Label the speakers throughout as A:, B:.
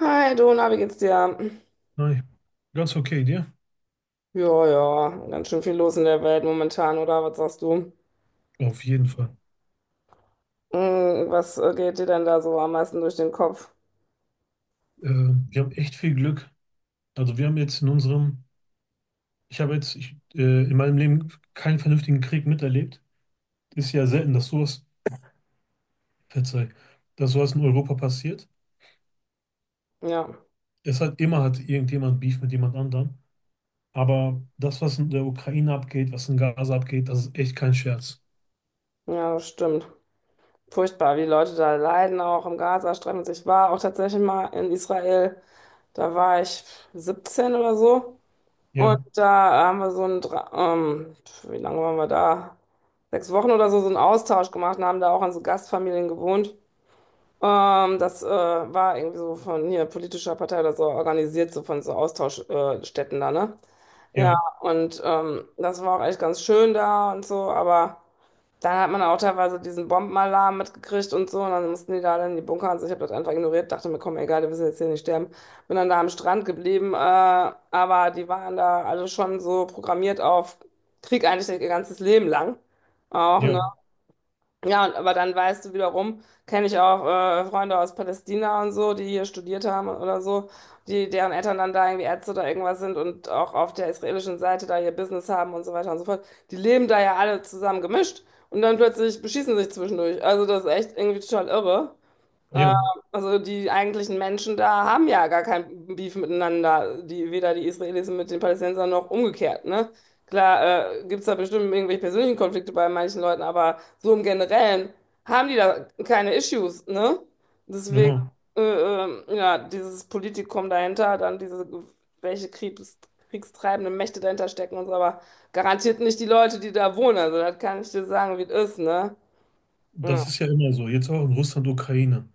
A: Hi, Dona, wie geht's dir?
B: Hi. Ganz okay, dir?
A: Ja, ja, ganz schön viel los in der Welt momentan, oder? Was sagst du?
B: Auf jeden Fall.
A: Hm, was geht dir denn da so am meisten durch den Kopf?
B: Äh, Wir haben echt viel Glück. Also wir haben jetzt in unserem, ich habe jetzt ich, in meinem Leben keinen vernünftigen Krieg miterlebt. Ist ja selten, dass sowas, verzeih, dass sowas in Europa passiert.
A: Ja,
B: Es hat immer hat irgendjemand Beef mit jemand anderem. Aber das, was in der Ukraine abgeht, was in Gaza abgeht, das ist echt kein Scherz.
A: ja, das stimmt. Furchtbar, wie die Leute da leiden, auch im Gazastreifen. Ich war auch tatsächlich mal in Israel, da war ich 17 oder so. Und
B: Ja,
A: da haben wir so ein, wie lange waren wir da? 6 Wochen oder so, so einen Austausch gemacht und haben da auch an so Gastfamilien gewohnt. Das war irgendwie so von hier politischer Partei oder so organisiert, so von so Austauschstätten Städten da, ne? Ja,
B: ja,
A: und das war auch echt ganz schön da und so, aber dann hat man auch teilweise diesen Bombenalarm mitgekriegt und so, und dann mussten die da dann in die Bunker und so. Ich habe das einfach ignoriert, dachte mir, komm, egal, wir müssen jetzt hier nicht sterben. Bin dann da am Strand geblieben, aber die waren da alle schon so programmiert auf Krieg eigentlich ihr ganzes Leben lang. Auch, ne?
B: ja,
A: Ja, und- aber dann weißt du wiederum, kenne ich auch Freunde aus Palästina und so, die hier studiert haben oder so, die, deren Eltern dann da irgendwie Ärzte oder irgendwas sind und auch auf der israelischen Seite da ihr Business haben und so weiter und so fort. Die leben da ja alle zusammen gemischt und dann plötzlich beschießen sich zwischendurch. Also das ist echt irgendwie total irre. Äh,
B: ja,
A: also die eigentlichen Menschen da haben ja gar kein Beef miteinander, die, weder die Israelis mit den Palästinensern noch umgekehrt, ne? Klar, gibt es da bestimmt irgendwelche persönlichen Konflikte bei manchen Leuten, aber so im Generellen haben die da keine Issues, ne? Deswegen,
B: genau.
A: ja, dieses Politikum dahinter, dann diese, welche kriegstreibenden Mächte dahinter stecken und so, aber garantiert nicht die Leute, die da wohnen. Also das kann ich dir sagen, wie es ist, ne? Ja,
B: Das ist ja immer so. Jetzt auch in Russland, Ukraine.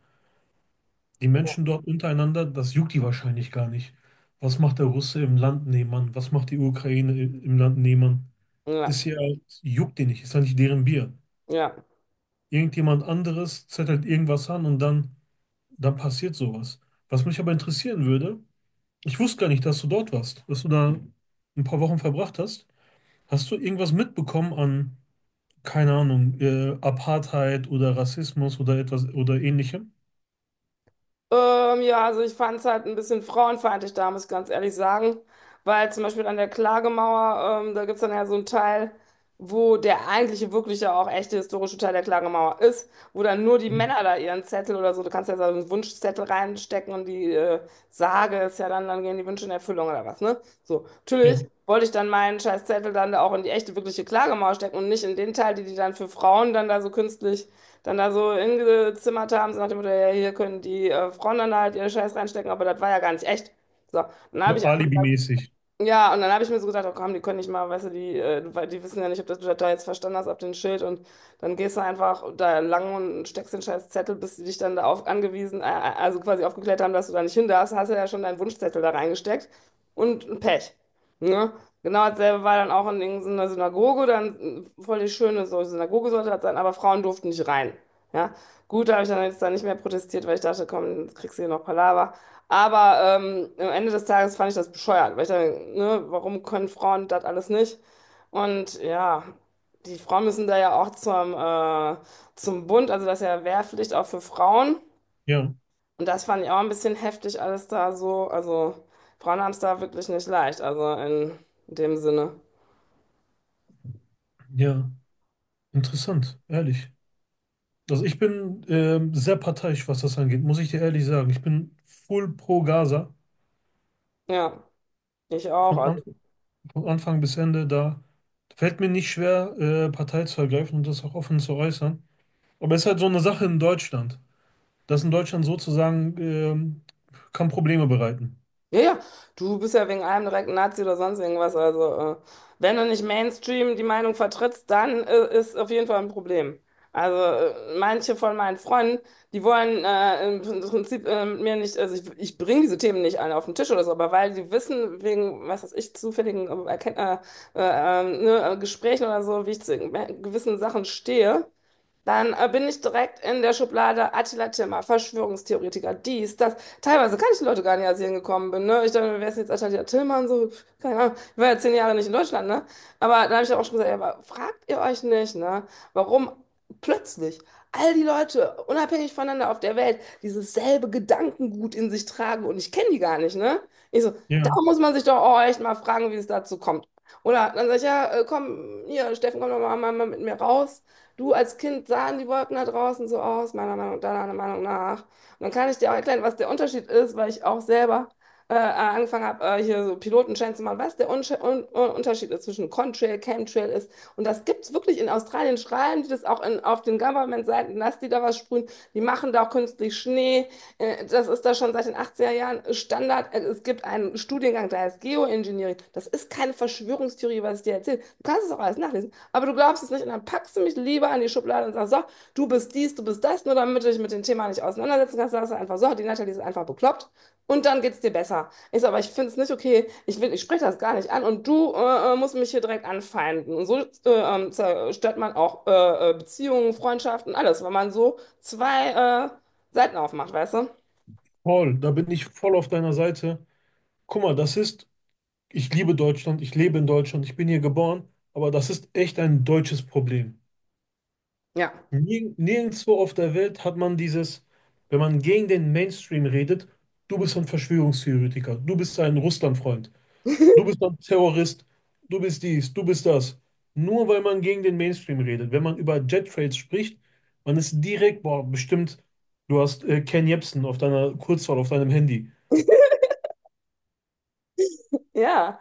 B: Die Menschen dort untereinander, das juckt die wahrscheinlich gar nicht. Was macht der Russe im Land nebenan? Was macht die Ukraine im Land nebenan?
A: ja,
B: Das hier halt, juckt die nicht, ist halt nicht deren Bier.
A: ja.
B: Irgendjemand anderes zettelt irgendwas an und dann, dann passiert sowas. Was mich aber interessieren würde, ich wusste gar nicht, dass du dort warst, dass du da ein paar Wochen verbracht hast. Hast du irgendwas mitbekommen an, keine Ahnung, Apartheid oder Rassismus oder etwas oder ähnlichem?
A: Ja, also ich fand es halt ein bisschen frauenfeindlich da, muss ich ganz ehrlich sagen. Weil zum Beispiel an der Klagemauer, da gibt es dann ja so einen Teil, wo der eigentliche, wirkliche, auch echte historische Teil der Klagemauer ist, wo dann nur die
B: Ja,
A: Männer da ihren Zettel oder so, du kannst ja so einen Wunschzettel reinstecken und die Sage ist ja dann, dann gehen die Wünsche in Erfüllung oder was, ne? So,
B: ja,
A: natürlich wollte ich dann meinen Scheißzettel dann da auch in die echte, wirkliche Klagemauer stecken und nicht in den Teil, die die dann für Frauen dann da so künstlich dann da so hingezimmert haben, so nach dem Motto, ja, hier können die Frauen dann halt ihre Scheiß reinstecken, aber das war ja gar nicht echt. So, dann habe
B: so
A: ich einfach
B: alibimäßig.
A: ja, und dann habe ich mir so gedacht, oh komm, die können nicht mal, weißt du, die, weil die wissen ja nicht, ob das du das da jetzt verstanden hast, ab dem Schild. Und dann gehst du einfach da lang und steckst den scheiß Zettel, bis die dich dann da auf, angewiesen, also quasi aufgeklärt haben, dass du da nicht hin darfst. Hast du ja schon deinen Wunschzettel da reingesteckt und Pech. Ne? Genau dasselbe war dann auch in irgendeiner Synagoge, dann voll die schöne so Synagoge sollte das sein, aber Frauen durften nicht rein. Ja, gut, da habe ich dann jetzt da nicht mehr protestiert, weil ich dachte, komm, jetzt kriegst du hier noch Palaver. Aber am Ende des Tages fand ich das bescheuert, weil ich dann, ne, warum können Frauen das alles nicht? Und ja, die Frauen müssen da ja auch zum, zum Bund, also das ist ja Wehrpflicht auch für Frauen.
B: Ja.
A: Und das fand ich auch ein bisschen heftig, alles da so. Also Frauen haben es da wirklich nicht leicht, also in dem Sinne.
B: Ja, interessant, ehrlich. Also ich bin sehr parteiisch, was das angeht, muss ich dir ehrlich sagen. Ich bin full pro Gaza,
A: Ja, ich auch.
B: von,
A: Also.
B: Anf von Anfang bis Ende. Da fällt mir nicht schwer, Partei zu ergreifen und das auch offen zu äußern. Aber es ist halt so eine Sache in Deutschland, dass in Deutschland sozusagen kann Probleme bereiten.
A: Ja, ja, du bist ja wegen allem direkt ein Nazi oder sonst irgendwas. Also, wenn du nicht Mainstream die Meinung vertrittst, dann ist auf jeden Fall ein Problem. Also, manche von meinen Freunden, die wollen im Prinzip mit mir nicht, also ich bringe diese Themen nicht alle auf den Tisch oder so, aber weil die wissen, wegen, was weiß ich, zufälligen äh, äh, ne, Gesprächen oder so, wie ich zu gewissen Sachen stehe, dann bin ich direkt in der Schublade Attila Timmer, Verschwörungstheoretiker, dies, das. Teilweise kann ich die Leute gar nicht, als ich hingekommen bin. Ne? Ich dachte, wer ist denn jetzt Attila Timmer und so? Pff, keine Ahnung. Ich war ja 10 Jahre nicht in Deutschland, ne? Aber dann habe ich auch schon gesagt, ja, aber fragt ihr euch nicht, ne? Warum plötzlich all die Leute, unabhängig voneinander auf der Welt, dieses selbe Gedankengut in sich tragen und ich kenne die gar nicht, ne? Ich so, da
B: Ja,
A: muss man sich doch auch echt mal fragen, wie es dazu kommt. Oder dann sag ich, ja, komm, hier, Steffen, komm doch mal, mal mit mir raus. Du als Kind sahen die Wolken da draußen so aus, meiner Meinung nach, deiner Meinung nach. Und dann kann ich dir auch erklären, was der Unterschied ist, weil ich auch selber angefangen habe, hier so Pilotenschein zu machen, was der Unsche- Un Un Unterschied ist zwischen Contrail, Chemtrail ist. Und das gibt es wirklich in Australien, schreiben die das auch in, auf den Government-Seiten, dass die da was sprühen. Die machen da auch künstlich Schnee. Das ist da schon seit den 80er Jahren Standard. Es gibt einen Studiengang, der heißt Geoengineering. Das ist keine Verschwörungstheorie, was ich dir erzähle. Du kannst es auch alles nachlesen. Aber du glaubst es nicht und dann packst du mich lieber in die Schublade und sagst, so, du bist dies, du bist das, nur damit du dich mit dem Thema nicht auseinandersetzen kannst, sagst du einfach so, die Natalie ist einfach bekloppt und dann geht's dir besser. Ich so, aber ich finde es nicht okay, ich will, ich spreche das gar nicht an und du musst mich hier direkt anfeinden. Und so zerstört man auch Beziehungen, Freundschaften, alles, weil man so zwei Seiten aufmacht, weißt du?
B: voll, da bin ich voll auf deiner Seite. Guck mal, das ist, ich liebe Deutschland, ich lebe in Deutschland, ich bin hier geboren, aber das ist echt ein deutsches Problem.
A: Ja.
B: Nirgendwo auf der Welt hat man dieses, wenn man gegen den Mainstream redet, du bist ein Verschwörungstheoretiker, du bist ein Russlandfreund, du bist ein Terrorist, du bist dies, du bist das. Nur weil man gegen den Mainstream redet. Wenn man über Jet Trails spricht, man ist direkt, boah, bestimmt, du hast Ken Jebsen auf deiner Kurzwahl, auf deinem Handy.
A: Ja,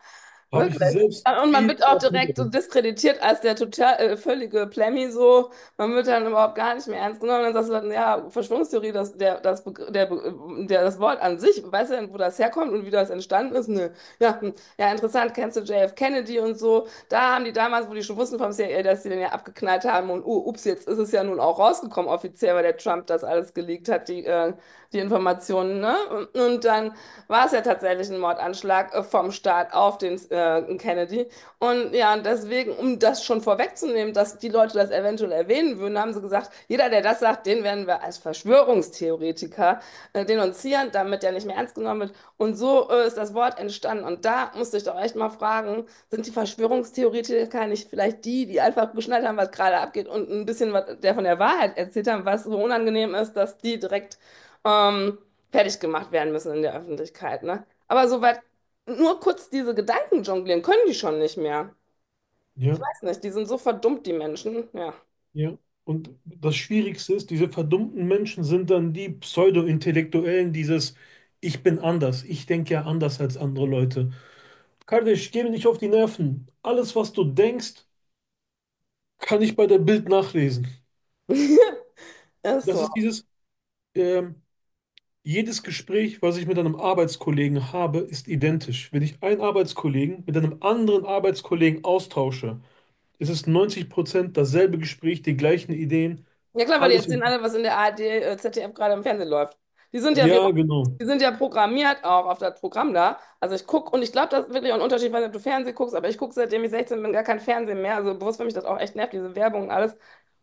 B: Habe ich
A: wirklich.
B: selbst
A: Und man
B: viel
A: wird auch
B: oft
A: direkt so
B: miterlebt.
A: diskreditiert als der total völlige Plemmi so. Man wird dann überhaupt gar nicht mehr ernst genommen. Dann sagst du dann, ja, Verschwörungstheorie, das, der, das, das Wort an sich, weißt du denn, wo das herkommt und wie das entstanden ist? Nö. Ja, hm. Ja, interessant, kennst du JF Kennedy und so. Da haben die damals, wo die schon wussten vom CIA, dass die den ja abgeknallt haben und oh, ups, jetzt ist es ja nun auch rausgekommen offiziell, weil der Trump das alles geleakt hat, die, die Informationen, ne? Und dann war es ja tatsächlich ein Mordanschlag vom Staat auf den Kennedy. Und ja, und deswegen, um das schon vorwegzunehmen, dass die Leute das eventuell erwähnen würden, haben sie gesagt, jeder, der das sagt, den werden wir als Verschwörungstheoretiker denunzieren, damit der nicht mehr ernst genommen wird. Und so ist das Wort entstanden. Und da musste ich doch echt mal fragen, sind die Verschwörungstheoretiker nicht vielleicht die, die einfach geschnallt haben, was gerade abgeht und ein bisschen was der von der Wahrheit erzählt haben, was so unangenehm ist, dass die direkt ähm, fertig gemacht werden müssen in der Öffentlichkeit, ne? Aber soweit nur kurz diese Gedanken jonglieren können die schon nicht mehr. Ich
B: Ja.
A: weiß nicht, die sind so verdummt, die Menschen. Ja.
B: Ja. Und das Schwierigste ist, diese verdummten Menschen sind dann die Pseudo-Intellektuellen, dieses Ich bin anders, ich denke ja anders als andere Leute. Kardeş, geh mir nicht auf die Nerven. Alles, was du denkst, kann ich bei der Bild nachlesen.
A: Ist
B: Das
A: so.
B: ist dieses, ähm, jedes Gespräch, was ich mit einem Arbeitskollegen habe, ist identisch. Wenn ich einen Arbeitskollegen mit einem anderen Arbeitskollegen austausche, ist es 90% dasselbe Gespräch, die gleichen Ideen,
A: Ja klar, weil die
B: alles.
A: erzählen alle, was in der ARD, ZDF gerade im Fernsehen läuft. Die sind ja wie,
B: Ja, genau.
A: die sind ja programmiert auch auf das Programm da. Also ich gucke und ich glaube, das ist wirklich auch ein Unterschied, weil du Fernsehen guckst, aber ich gucke, seitdem ich 16 bin, gar kein Fernsehen mehr. Also bewusst finde ich das auch echt nervig, diese Werbung und alles.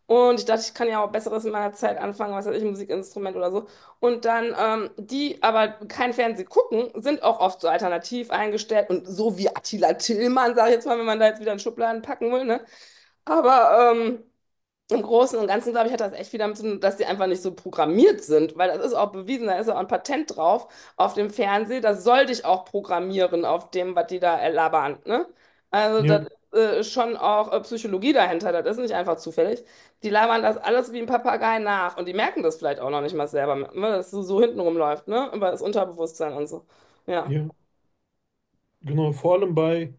A: Und ich dachte, ich kann ja auch Besseres in meiner Zeit anfangen, was weiß ich, ein Musikinstrument oder so. Und dann, die aber kein Fernsehen gucken, sind auch oft so alternativ eingestellt und so wie Attila Tillmann, sage ich jetzt mal, wenn man da jetzt wieder in Schubladen packen will, ne? Aber im Großen und Ganzen, glaube ich, hat das echt viel damit zu tun, dass die einfach nicht so programmiert sind, weil das ist auch bewiesen, da ist ja auch ein Patent drauf auf dem Fernseher, das soll dich auch programmieren auf dem, was die da labern, ne? Also
B: Ja,
A: das ist schon auch Psychologie dahinter, das ist nicht einfach zufällig. Die labern das alles wie ein Papagei nach und die merken das vielleicht auch noch nicht mal selber, ne? Dass es so, so hinten rumläuft, ne? Über das Unterbewusstsein und so. Ja,
B: ja. Genau, vor allem bei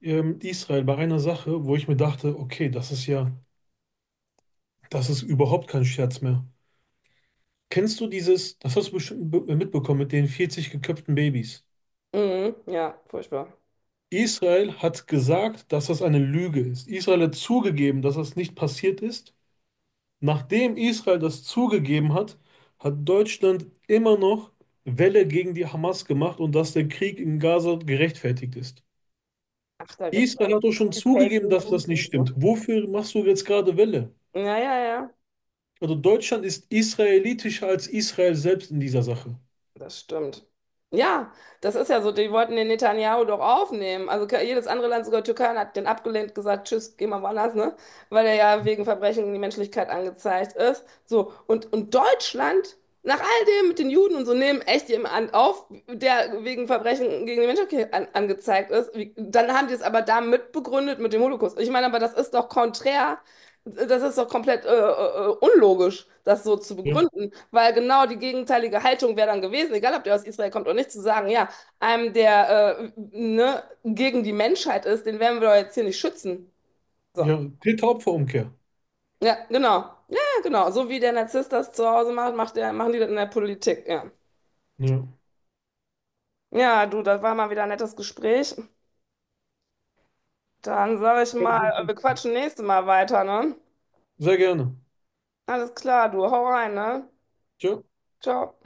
B: Israel, bei einer Sache, wo ich mir dachte, okay, das ist ja, das ist überhaupt kein Scherz mehr. Kennst du dieses, das hast du bestimmt mitbekommen mit den 40 geköpften Babys.
A: mhm, ja, furchtbar.
B: Israel hat gesagt, dass das eine Lüge ist. Israel hat zugegeben, dass das nicht passiert ist. Nachdem Israel das zugegeben hat, hat Deutschland immer noch Welle gegen die Hamas gemacht und dass der Krieg in Gaza gerechtfertigt ist.
A: Ach, da gibt es
B: Israel
A: also
B: hat doch schon
A: die Fake
B: zugegeben, dass das
A: News
B: nicht
A: und so.
B: stimmt. Wofür machst du jetzt gerade Welle?
A: Ja, ja, ja.
B: Also Deutschland ist israelitischer als Israel selbst in dieser Sache.
A: Das stimmt. Ja, das ist ja so, die wollten den Netanyahu doch aufnehmen. Also ke- jedes andere Land, sogar Türkei, hat den abgelehnt, gesagt, tschüss, geh mal woanders, ne? Weil er ja wegen Verbrechen gegen die Menschlichkeit angezeigt ist. So, und Deutschland, nach all dem mit den Juden und so, nehmen echt jemanden auf, der wegen Verbrechen gegen die Menschlichkeit an, angezeigt ist. Wie, dann haben die es aber da mitbegründet mit dem Holocaust. Ich meine, aber das ist doch konträr, das ist doch komplett unlogisch, das so zu
B: Ja,
A: begründen. Weil genau die gegenteilige Haltung wäre dann gewesen, egal ob der aus Israel kommt oder nicht, zu sagen, ja, einem, der ne, gegen die Menschheit ist, den werden wir doch jetzt hier nicht schützen. So.
B: Ja, Täter-Opfer-Umkehr.
A: Ja, genau. Ja, genau. So wie der Narzisst das zu Hause macht, macht der, machen die das in der Politik. Ja.
B: Ja.
A: Ja, du, das war mal wieder ein nettes Gespräch. Dann sage ich mal, wir quatschen nächstes Mal weiter, ne?
B: Sehr gerne.
A: Alles klar, du, hau rein, ne?
B: Tja.
A: Ciao.